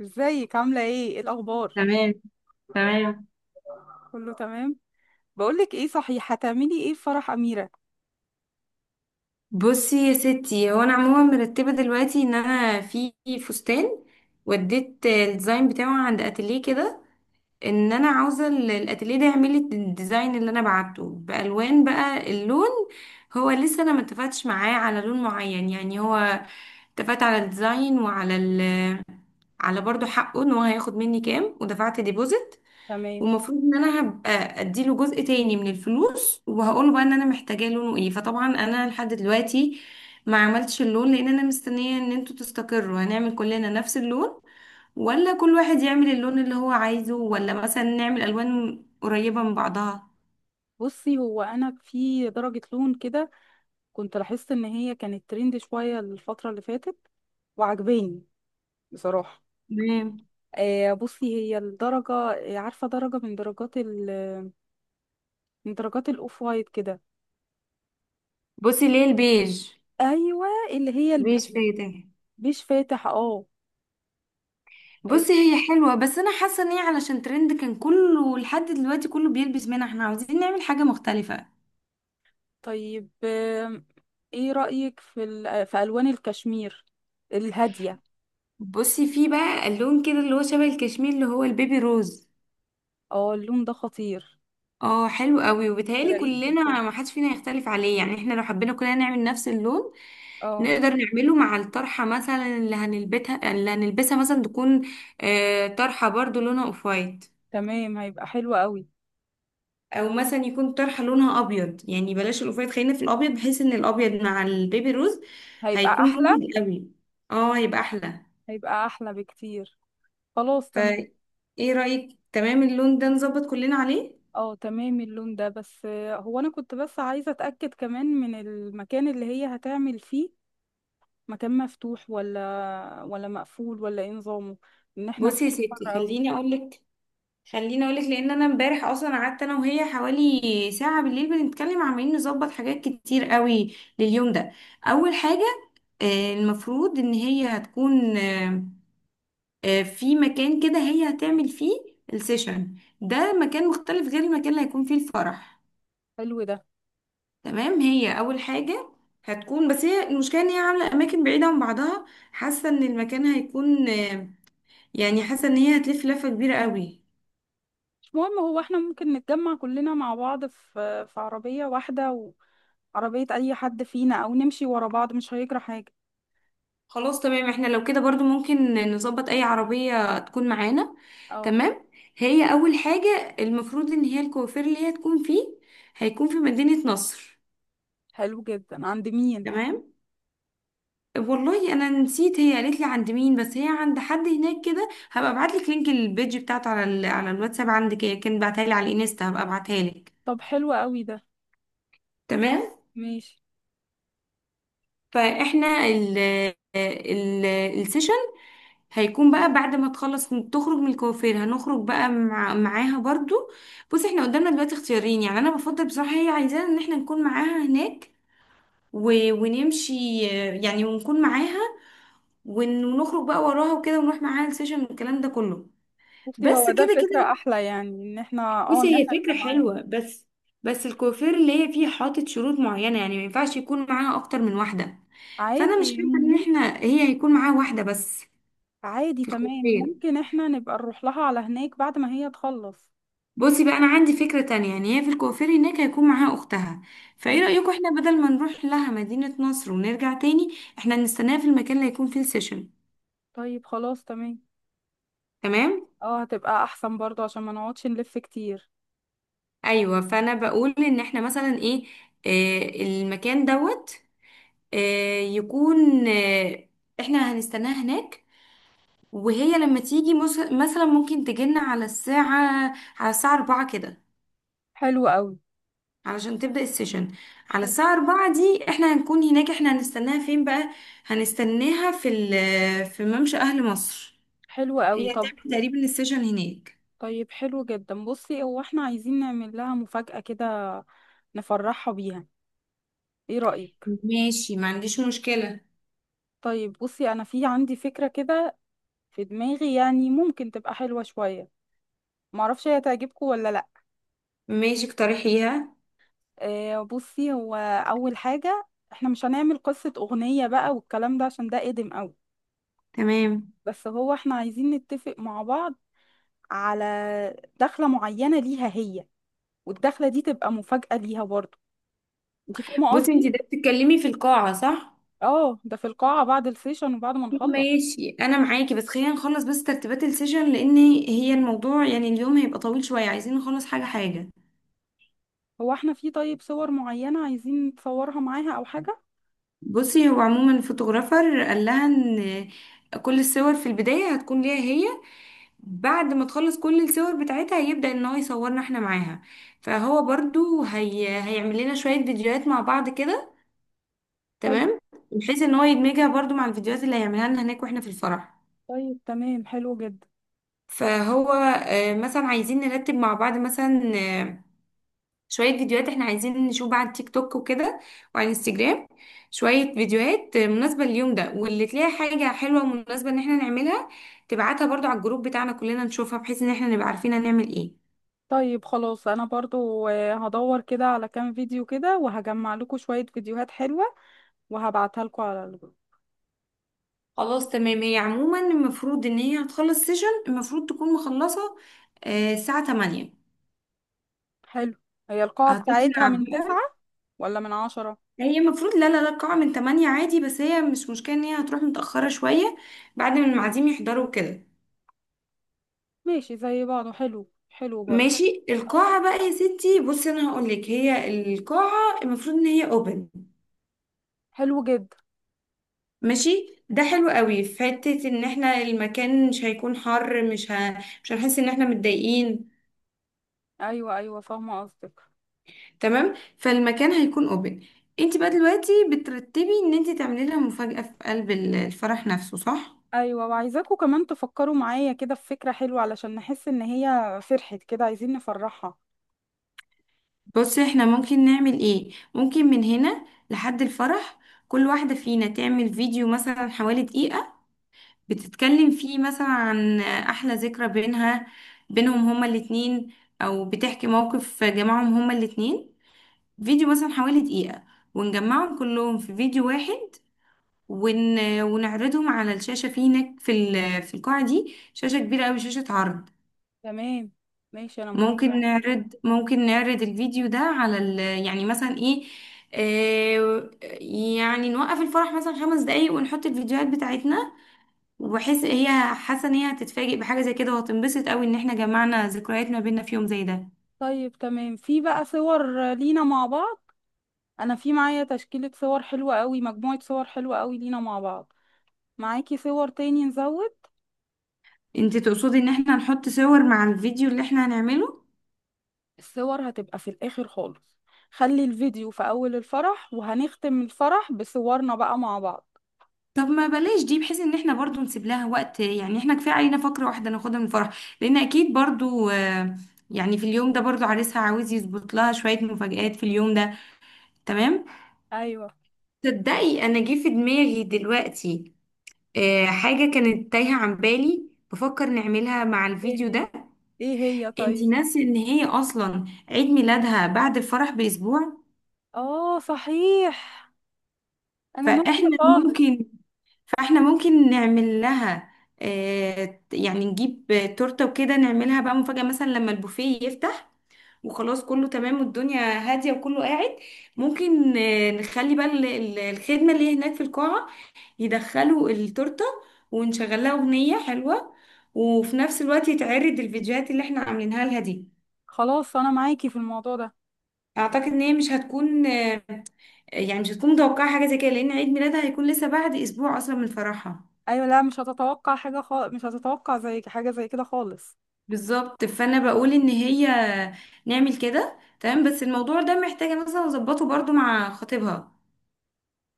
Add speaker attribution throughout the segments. Speaker 1: ازيك عاملة ايه الأخبار؟
Speaker 2: تمام. تمام.
Speaker 1: كله تمام. بقولك ايه، صحيح هتعملي ايه في فرح أميرة؟
Speaker 2: بصي يا ستي، هو انا عموما مرتبه دلوقتي ان انا في فستان، وديت الديزاين بتاعه عند اتيليه كده، ان انا عاوزه الاتيليه ده يعمل لي الديزاين اللي انا بعته بالوان. بقى اللون هو لسه انا ما اتفقتش معاه على لون معين، يعني هو اتفقت على الديزاين وعلى ال... على برضو حقه ان هو هياخد مني كام، ودفعت ديبوزيت.
Speaker 1: تمام.
Speaker 2: ومفروض ان انا هبقى اديله جزء تاني من الفلوس، وهقوله بقى ان انا محتاجاه لونه ايه. فطبعا انا لحد دلوقتي ما عملتش اللون لان انا مستنية ان انتوا تستقروا، هنعمل كلنا نفس اللون ولا كل واحد يعمل اللون اللي هو عايزه ولا مثلا نعمل الوان قريبة من بعضها.
Speaker 1: بصي، هو أنا في درجة لون كده، كنت لاحظت إن هي كانت ترند شوية الفترة اللي فاتت، وعجباني بصراحة.
Speaker 2: تمام.
Speaker 1: آه بصي، هي الدرجة عارفة درجة من درجات من درجات الأوف وايت كده.
Speaker 2: بصي، ليه البيج؟
Speaker 1: أيوة اللي هي
Speaker 2: بيج
Speaker 1: البيج.
Speaker 2: فاتح.
Speaker 1: بيج فاتح اه. آه،
Speaker 2: بصي هي حلوة، بس انا حاسة ان هي علشان ترند كان كله لحد دلوقتي كله بيلبس منها، احنا عاوزين نعمل حاجة مختلفة.
Speaker 1: طيب. ايه رأيك في في ألوان الكشمير الهادية؟
Speaker 2: بصي، في بقى اللون كده اللي هو شبه الكشمير اللي هو البيبي روز.
Speaker 1: اه اللون ده خطير،
Speaker 2: اه حلو قوي، وبيتهيألي
Speaker 1: ورقيق جدا.
Speaker 2: كلنا ما حدش فينا يختلف عليه، يعني احنا لو حبينا كلنا نعمل نفس اللون
Speaker 1: اه
Speaker 2: نقدر نعمله مع الطرحة مثلا. اللي هنلبسها مثلا تكون طرحة برضو لونها اوف وايت،
Speaker 1: تمام، هيبقى حلو قوي.
Speaker 2: او مثلا يكون طرحة لونها ابيض. يعني بلاش الاوف وايت، خلينا في الابيض، بحيث ان الابيض مع البيبي روز
Speaker 1: هيبقى
Speaker 2: هيكون
Speaker 1: احلى.
Speaker 2: مبهج قوي. اه هيبقى احلى.
Speaker 1: هيبقى احلى بكتير. خلاص تمام.
Speaker 2: فايه رأيك؟ تمام، اللون ده نظبط كلنا عليه.
Speaker 1: اه تمام اللون ده، بس هو انا كنت بس عايزة اتأكد كمان من المكان اللي هي هتعمل فيه. مكان مفتوح ولا مقفول ولا ايه نظامه؟ ان احنا
Speaker 2: بصي يا
Speaker 1: حر
Speaker 2: ستي،
Speaker 1: قوي.
Speaker 2: خليني اقولك. خليني اقولك، لان انا امبارح اصلا قعدت انا وهي حوالي ساعه بالليل بنتكلم، عمالين نظبط حاجات كتير قوي لليوم ده. اول حاجه، المفروض ان هي هتكون، في مكان كده هي هتعمل فيه السيشن. ده مكان مختلف غير المكان اللي هيكون فيه الفرح.
Speaker 1: حلو ده.
Speaker 2: تمام، هي اول حاجه. هتكون بس هي المشكله ان هي عامله اماكن بعيده عن بعضها. حاسه ان المكان هيكون، يعني حاسه ان هي هتلف لفه كبيره قوي.
Speaker 1: مش مهم، هو احنا ممكن نتجمع كلنا مع بعض في في عربية واحدة، وعربية اي حد فينا او نمشي ورا بعض، مش هيجرى حاجة.
Speaker 2: خلاص تمام، احنا لو كده برضو ممكن نظبط اي عربية تكون معانا.
Speaker 1: اه
Speaker 2: تمام. هي اول حاجة المفروض ان هي الكوافير اللي هي تكون فيه هيكون في مدينة نصر.
Speaker 1: حلو جدا، عند مين؟
Speaker 2: تمام. والله انا نسيت، هي قالت لي عند مين، بس هي عند حد هناك كده. هبقى ابعت لك لينك البيج بتاعته على الواتساب عندك. هي كانت بعتها لي على الانستا، هبقى ابعتها لك.
Speaker 1: طب حلو قوي ده.
Speaker 2: تمام.
Speaker 1: ماشي.
Speaker 2: فاحنا ال ال السيشن هيكون بقى بعد ما تخلص تخرج من الكوافير، هنخرج بقى معاها برضو. بص، احنا قدامنا دلوقتي اختيارين، يعني انا بفضل بصراحة هي عايزانا ان احنا نكون معاها هناك ونمشي، يعني ونكون معاها، ونخرج بقى وراها وكده، ونروح معاها السيشن والكلام ده كله.
Speaker 1: بصي
Speaker 2: بس
Speaker 1: هو ده
Speaker 2: كده
Speaker 1: فكرة
Speaker 2: كده.
Speaker 1: أحلى، يعني إن احنا اه
Speaker 2: بصي
Speaker 1: إن
Speaker 2: هي
Speaker 1: احنا
Speaker 2: فكرة
Speaker 1: نبقى معاها.
Speaker 2: حلوة، بس بس الكوافير اللي هي فيه حاطط شروط معينة، يعني ما ينفعش يكون معاها أكتر من واحدة. فأنا مش
Speaker 1: عادي
Speaker 2: فاكرة إن
Speaker 1: ممكن.
Speaker 2: احنا، هي هيكون معاها واحدة بس
Speaker 1: عادي
Speaker 2: في
Speaker 1: تمام،
Speaker 2: الكوافير.
Speaker 1: ممكن احنا نبقى نروح لها على هناك بعد ما هي تخلص.
Speaker 2: بصي بقى، أنا عندي فكرة تانية، يعني هي في الكوافير هناك هيكون معاها أختها. فإيه
Speaker 1: تمام.
Speaker 2: رأيكم احنا بدل ما نروح لها مدينة نصر ونرجع تاني، احنا نستناها في المكان اللي هيكون فيه السيشن.
Speaker 1: طيب خلاص تمام.
Speaker 2: تمام؟
Speaker 1: اه هتبقى أحسن برضه عشان ما نقعدش نلف كتير.
Speaker 2: أيوة. فأنا بقول إن احنا مثلا، إيه، المكان دوت، آه يكون آه احنا هنستناها هناك، وهي لما تيجي مثلا ممكن تجينا على الساعة، على الساعة أربعة كده،
Speaker 1: حلو قوي.
Speaker 2: علشان تبدأ السيشن. على
Speaker 1: حلو.
Speaker 2: الساعة أربعة دي احنا هنكون هناك. احنا هنستناها فين بقى؟ هنستناها في في ممشى أهل مصر.
Speaker 1: حلو قوي،
Speaker 2: هي
Speaker 1: طب.
Speaker 2: هتعمل تقريبا السيشن هناك.
Speaker 1: طيب حلو جدا، بصي هو احنا عايزين نعمل لها مفاجأة كده، نفرحها بيها، ايه رأيك؟
Speaker 2: ماشي، ما عنديش مشكلة.
Speaker 1: طيب بصي أنا في عندي فكرة كده في دماغي، يعني ممكن تبقى حلوة شوية، معرفش هي تعجبكم ولا لأ.
Speaker 2: ماشي اقترحيها.
Speaker 1: بصي هو اول حاجه احنا مش هنعمل قصه اغنيه بقى والكلام ده عشان ده قديم قوي.
Speaker 2: تمام.
Speaker 1: بس هو احنا عايزين نتفق مع بعض على دخله معينه ليها هي، والدخله دي تبقى مفاجاه ليها برضو، انت فاهمه
Speaker 2: بصي انتي
Speaker 1: قصدي؟
Speaker 2: ده بتتكلمي في القاعة، صح؟
Speaker 1: اه ده في القاعه بعد السيشن وبعد ما نخلص.
Speaker 2: ماشي، انا معاكي، بس خلينا نخلص بس ترتيبات السيشن، لان هي الموضوع يعني اليوم هيبقى طويل شوية، عايزين نخلص حاجة حاجة.
Speaker 1: هو احنا في طيب صور معينه عايزين نتصورها معاها او حاجه؟
Speaker 2: بصي هو عموما الفوتوغرافر قال لها ان كل الصور في البداية هتكون ليها هي، بعد ما تخلص كل الصور بتاعتها هيبدأ ان هو يصورنا احنا معاها. فهو برضو هيعمل لنا شوية فيديوهات مع بعض كده.
Speaker 1: حلو.
Speaker 2: تمام. بحيث ان هو يدمجها برضو مع الفيديوهات اللي هيعملها لنا هناك واحنا في الفرح.
Speaker 1: طيب تمام حلو جدا.
Speaker 2: فهو مثلا عايزين نرتب مع بعض مثلا، شوية فيديوهات احنا عايزين نشوف بقى على التيك توك وكده، وعلى الانستجرام. شوية فيديوهات مناسبة لليوم ده، واللي تلاقي حاجة حلوة ومناسبة ان احنا نعملها تبعتها برضو على الجروب بتاعنا، كلنا نشوفها بحيث ان احنا نبقى عارفين هنعمل ايه.
Speaker 1: طيب خلاص، انا برضو هدور كده على كام فيديو كده وهجمع لكم شويه فيديوهات حلوه، وهبعتها لكم على.
Speaker 2: خلاص تمام. هي عموما المفروض ان هي هتخلص سيشن، المفروض تكون مخلصة الساعة 8.
Speaker 1: حلو. هي القاعة بتاعتها
Speaker 2: هتطلع
Speaker 1: من تسعة
Speaker 2: بقى.
Speaker 1: ولا من عشرة؟
Speaker 2: هي المفروض، لا لا لا، القاعة من 8 عادي، بس هي مش مشكلة ان هي هتروح متأخرة شوية بعد ما المعازيم يحضروا كده.
Speaker 1: ماشي زي بعضه، حلو حلو برضه.
Speaker 2: ماشي.
Speaker 1: آه.
Speaker 2: القاعة بقى يا ستي بصي انا هقول لك، هي القاعة المفروض ان هي اوبن.
Speaker 1: حلو جدا.
Speaker 2: ماشي، ده حلو قوي في حتة ان احنا المكان مش هيكون حر، مش مش هنحس ان احنا متضايقين.
Speaker 1: أيوة أيوة فاهمة قصدك.
Speaker 2: تمام، فالمكان هيكون اوبن. انت بقى دلوقتي بترتبي ان انت تعملي لها مفاجأة في قلب الفرح نفسه، صح؟
Speaker 1: أيوة، وعايزاكوا كمان تفكروا معايا كده في فكرة حلوة علشان نحس إن هي فرحت كده، عايزين نفرحها.
Speaker 2: بصي، احنا ممكن نعمل ايه؟ ممكن من هنا لحد الفرح كل واحدة فينا تعمل فيديو مثلا حوالي دقيقة، بتتكلم فيه مثلا عن احلى ذكرى بينها، بينهم هما الاتنين، او بتحكي موقف جمعهم هما الاتنين. فيديو مثلا حوالي دقيقة، ونجمعهم كلهم في فيديو واحد، ونعرضهم على الشاشة في هناك، في في القاعة دي شاشة كبيرة أوي، شاشة عرض.
Speaker 1: تمام ماشي، أنا موافقة.
Speaker 2: ممكن نعرض الفيديو ده على يعني مثلا ايه، آه، يعني نوقف الفرح مثلا 5 دقايق ونحط الفيديوهات بتاعتنا. وبحس هي حاسه ان هي هتتفاجئ بحاجه زي كده، وهتنبسط قوي ان احنا جمعنا ذكريات ما بينا في يوم زي ده.
Speaker 1: طيب تمام، في بقى صور لينا مع بعض، أنا في معايا تشكيلة صور حلوة قوي، مجموعة صور حلوة قوي لينا مع بعض، معاكي صور تاني نزود؟
Speaker 2: انت تقصدي ان احنا نحط صور مع الفيديو اللي احنا هنعمله؟
Speaker 1: الصور هتبقى في الآخر خالص، خلي الفيديو في أول الفرح وهنختم الفرح بصورنا بقى مع بعض.
Speaker 2: طب ما بلاش دي، بحيث ان احنا برضو نسيب لها وقت، يعني احنا كفايه علينا فقره واحده ناخدها من الفرح، لان اكيد برضو يعني في اليوم ده برضو عريسها عاوز يظبط لها شويه مفاجآت في اليوم ده. تمام.
Speaker 1: أيوة.
Speaker 2: تصدقي انا جه في دماغي دلوقتي حاجه كانت تايهه عن بالي بفكر نعملها مع
Speaker 1: ايه
Speaker 2: الفيديو
Speaker 1: هي؟
Speaker 2: ده.
Speaker 1: إيه هي؟
Speaker 2: انتي
Speaker 1: طيب.
Speaker 2: ناسي ان هي اصلا عيد ميلادها بعد الفرح باسبوع.
Speaker 1: آه صحيح، أنا ناسية
Speaker 2: فاحنا
Speaker 1: خالص.
Speaker 2: ممكن فاحنا ممكن نعمل لها يعني نجيب تورته وكده، نعملها بقى مفاجأة مثلا لما البوفيه يفتح، وخلاص كله تمام والدنيا هادية وكله قاعد. ممكن نخلي بقى الخدمة اللي هناك في القاعة يدخلوا التورته، ونشغل لها أغنية حلوة، وفي نفس الوقت يتعرض الفيديوهات اللي احنا عاملينها لها دي.
Speaker 1: خلاص أنا معاكي في الموضوع ده.
Speaker 2: اعتقد ان هي مش هتكون يعني مش هتكون متوقعة حاجة زي كده، لأن عيد ميلادها هيكون لسه بعد أسبوع أصلا من فرحها.
Speaker 1: أيوة لا، مش هتتوقع حاجة خالص، مش هتتوقع زي حاجة زي كده خالص.
Speaker 2: بالظبط. فأنا بقول إن هي نعمل كده تمام، بس الموضوع ده محتاجة مثلا أظبطه برضو مع خطيبها.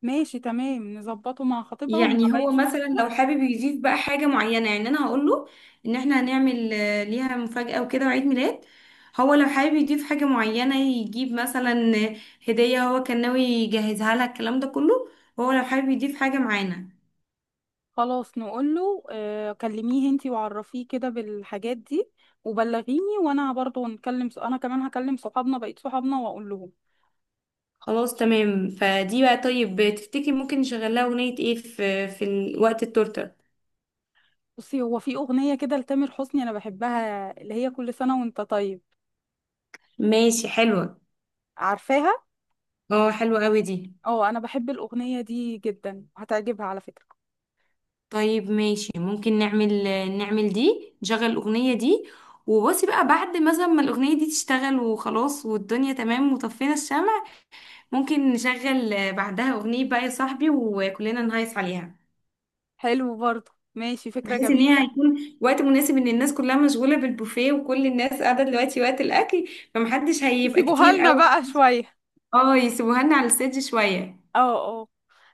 Speaker 1: ماشي تمام، نظبطه مع خطيبها ومع
Speaker 2: يعني
Speaker 1: باقي.
Speaker 2: هو مثلا لو حابب يضيف بقى حاجة معينة، يعني أنا هقوله إن إحنا هنعمل ليها مفاجأة وكده وعيد ميلاد، هو لو حابب يضيف حاجة معينة يجيب مثلا هدية هو كان ناوي يجهزها لها الكلام ده كله، هو لو حابب يضيف حاجة معانا.
Speaker 1: خلاص نقول له، كلميه انتي وعرفيه كده بالحاجات دي وبلغيني، وانا برضه نكلم، انا كمان هكلم صحابنا بقيت صحابنا واقول لهم.
Speaker 2: خلاص تمام. فدي بقى، طيب تفتكري ممكن نشغل لها اغنية ايه في في وقت التورتة؟
Speaker 1: بصي هو في اغنيه كده لتامر حسني انا بحبها، اللي هي كل سنه وانت طيب،
Speaker 2: ماشي حلوة.
Speaker 1: عارفاها؟
Speaker 2: اه حلوة قوي دي.
Speaker 1: اه انا بحب الاغنيه دي جدا، هتعجبها على فكره.
Speaker 2: طيب ماشي، ممكن نعمل دي، نشغل الأغنية دي. وبصي بقى بعد مثلا ما الأغنية دي تشتغل وخلاص والدنيا تمام وطفينا الشمع، ممكن نشغل بعدها أغنية بقى يا صاحبي وكلنا نهيص عليها.
Speaker 1: حلو برضه، ماشي فكره
Speaker 2: بحيث ان هي
Speaker 1: جميله.
Speaker 2: هيكون وقت مناسب ان الناس كلها مشغولة بالبوفيه، وكل الناس قاعدة دلوقتي وقت الأكل، فمحدش هيبقى
Speaker 1: يسيبوها
Speaker 2: كتير
Speaker 1: لنا
Speaker 2: قوي.
Speaker 1: بقى شويه.
Speaker 2: اه يسيبوها لنا على السيج شوية.
Speaker 1: اه. اه.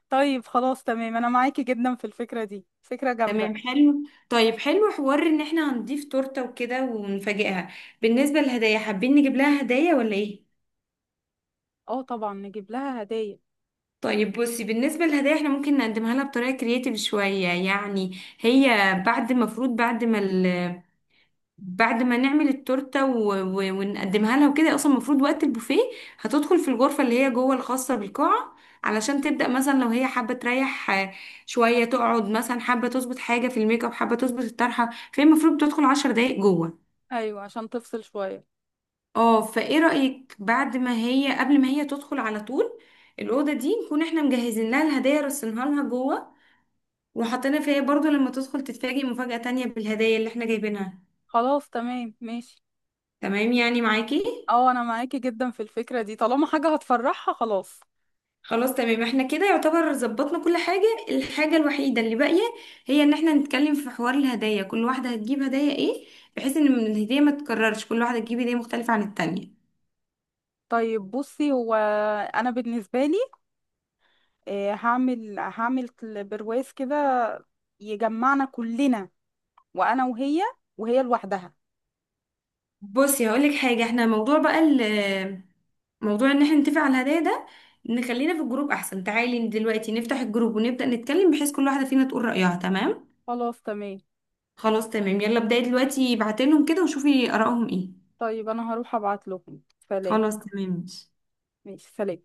Speaker 1: طيب خلاص تمام، انا معاكي جدا في الفكره دي، فكره جامده.
Speaker 2: تمام، حلو. طيب، حلو حوار ان احنا هنضيف تورتة وكده ونفاجئها. بالنسبة للهدايا، حابين نجيب لها هدايا ولا ايه؟
Speaker 1: اه طبعا نجيب لها هدايا.
Speaker 2: طيب بصي، بالنسبة للهدايا احنا ممكن نقدمها لها بطريقة كرياتيف شوية، يعني هي بعد المفروض بعد ما نعمل التورته ونقدمها لها وكده، اصلا المفروض وقت البوفيه هتدخل في الغرفه اللي هي جوه الخاصه بالقاعه، علشان تبدا مثلا لو هي حابه تريح شويه، تقعد مثلا حابه تظبط حاجه في الميك اب، حابه تظبط الطرحه. فهي المفروض بتدخل 10 دقايق جوه.
Speaker 1: ايوه عشان تفصل شويه.
Speaker 2: اه فايه رايك بعد ما هي قبل ما هي تدخل على طول الاوضه دي نكون احنا مجهزين لها الهدايا رصينها لها جوه وحاطينها فيها برضو لما تدخل تتفاجئ مفاجاه تانية بالهدايا اللي احنا جايبينها.
Speaker 1: خلاص تمام ماشي.
Speaker 2: تمام يعني معاكي.
Speaker 1: اه انا معاكي جدا في الفكرة دي، طالما حاجة هتفرحها خلاص.
Speaker 2: خلاص تمام، احنا كده يعتبر ظبطنا كل حاجة، الحاجة الوحيدة اللي باقية هي ان احنا نتكلم في حوار الهدايا، كل واحدة هتجيب هدايا ايه، بحيث ان من الهدية ما تتكررش كل واحدة تجيب هدية مختلفة عن التانية.
Speaker 1: طيب بصي، هو انا بالنسبة لي هعمل هعمل برواز كده يجمعنا كلنا، وانا وهي، وهي لوحدها.
Speaker 2: بصي هقولك حاجة، احنا موضوع بقى موضوع ان احنا نتفق على الهدايا ده نخلينا في الجروب احسن، تعالي دلوقتي نفتح الجروب ونبدأ نتكلم بحيث كل واحدة فينا تقول رأيها، تمام؟
Speaker 1: خلاص تمام.
Speaker 2: خلاص تمام. يلا ابدأي دلوقتي، ابعتي لهم كده وشوفي آرائهم ايه.
Speaker 1: طيب انا هروح ابعت لهم. سلام.
Speaker 2: خلاص تمام ماشي.
Speaker 1: ماشي سلام.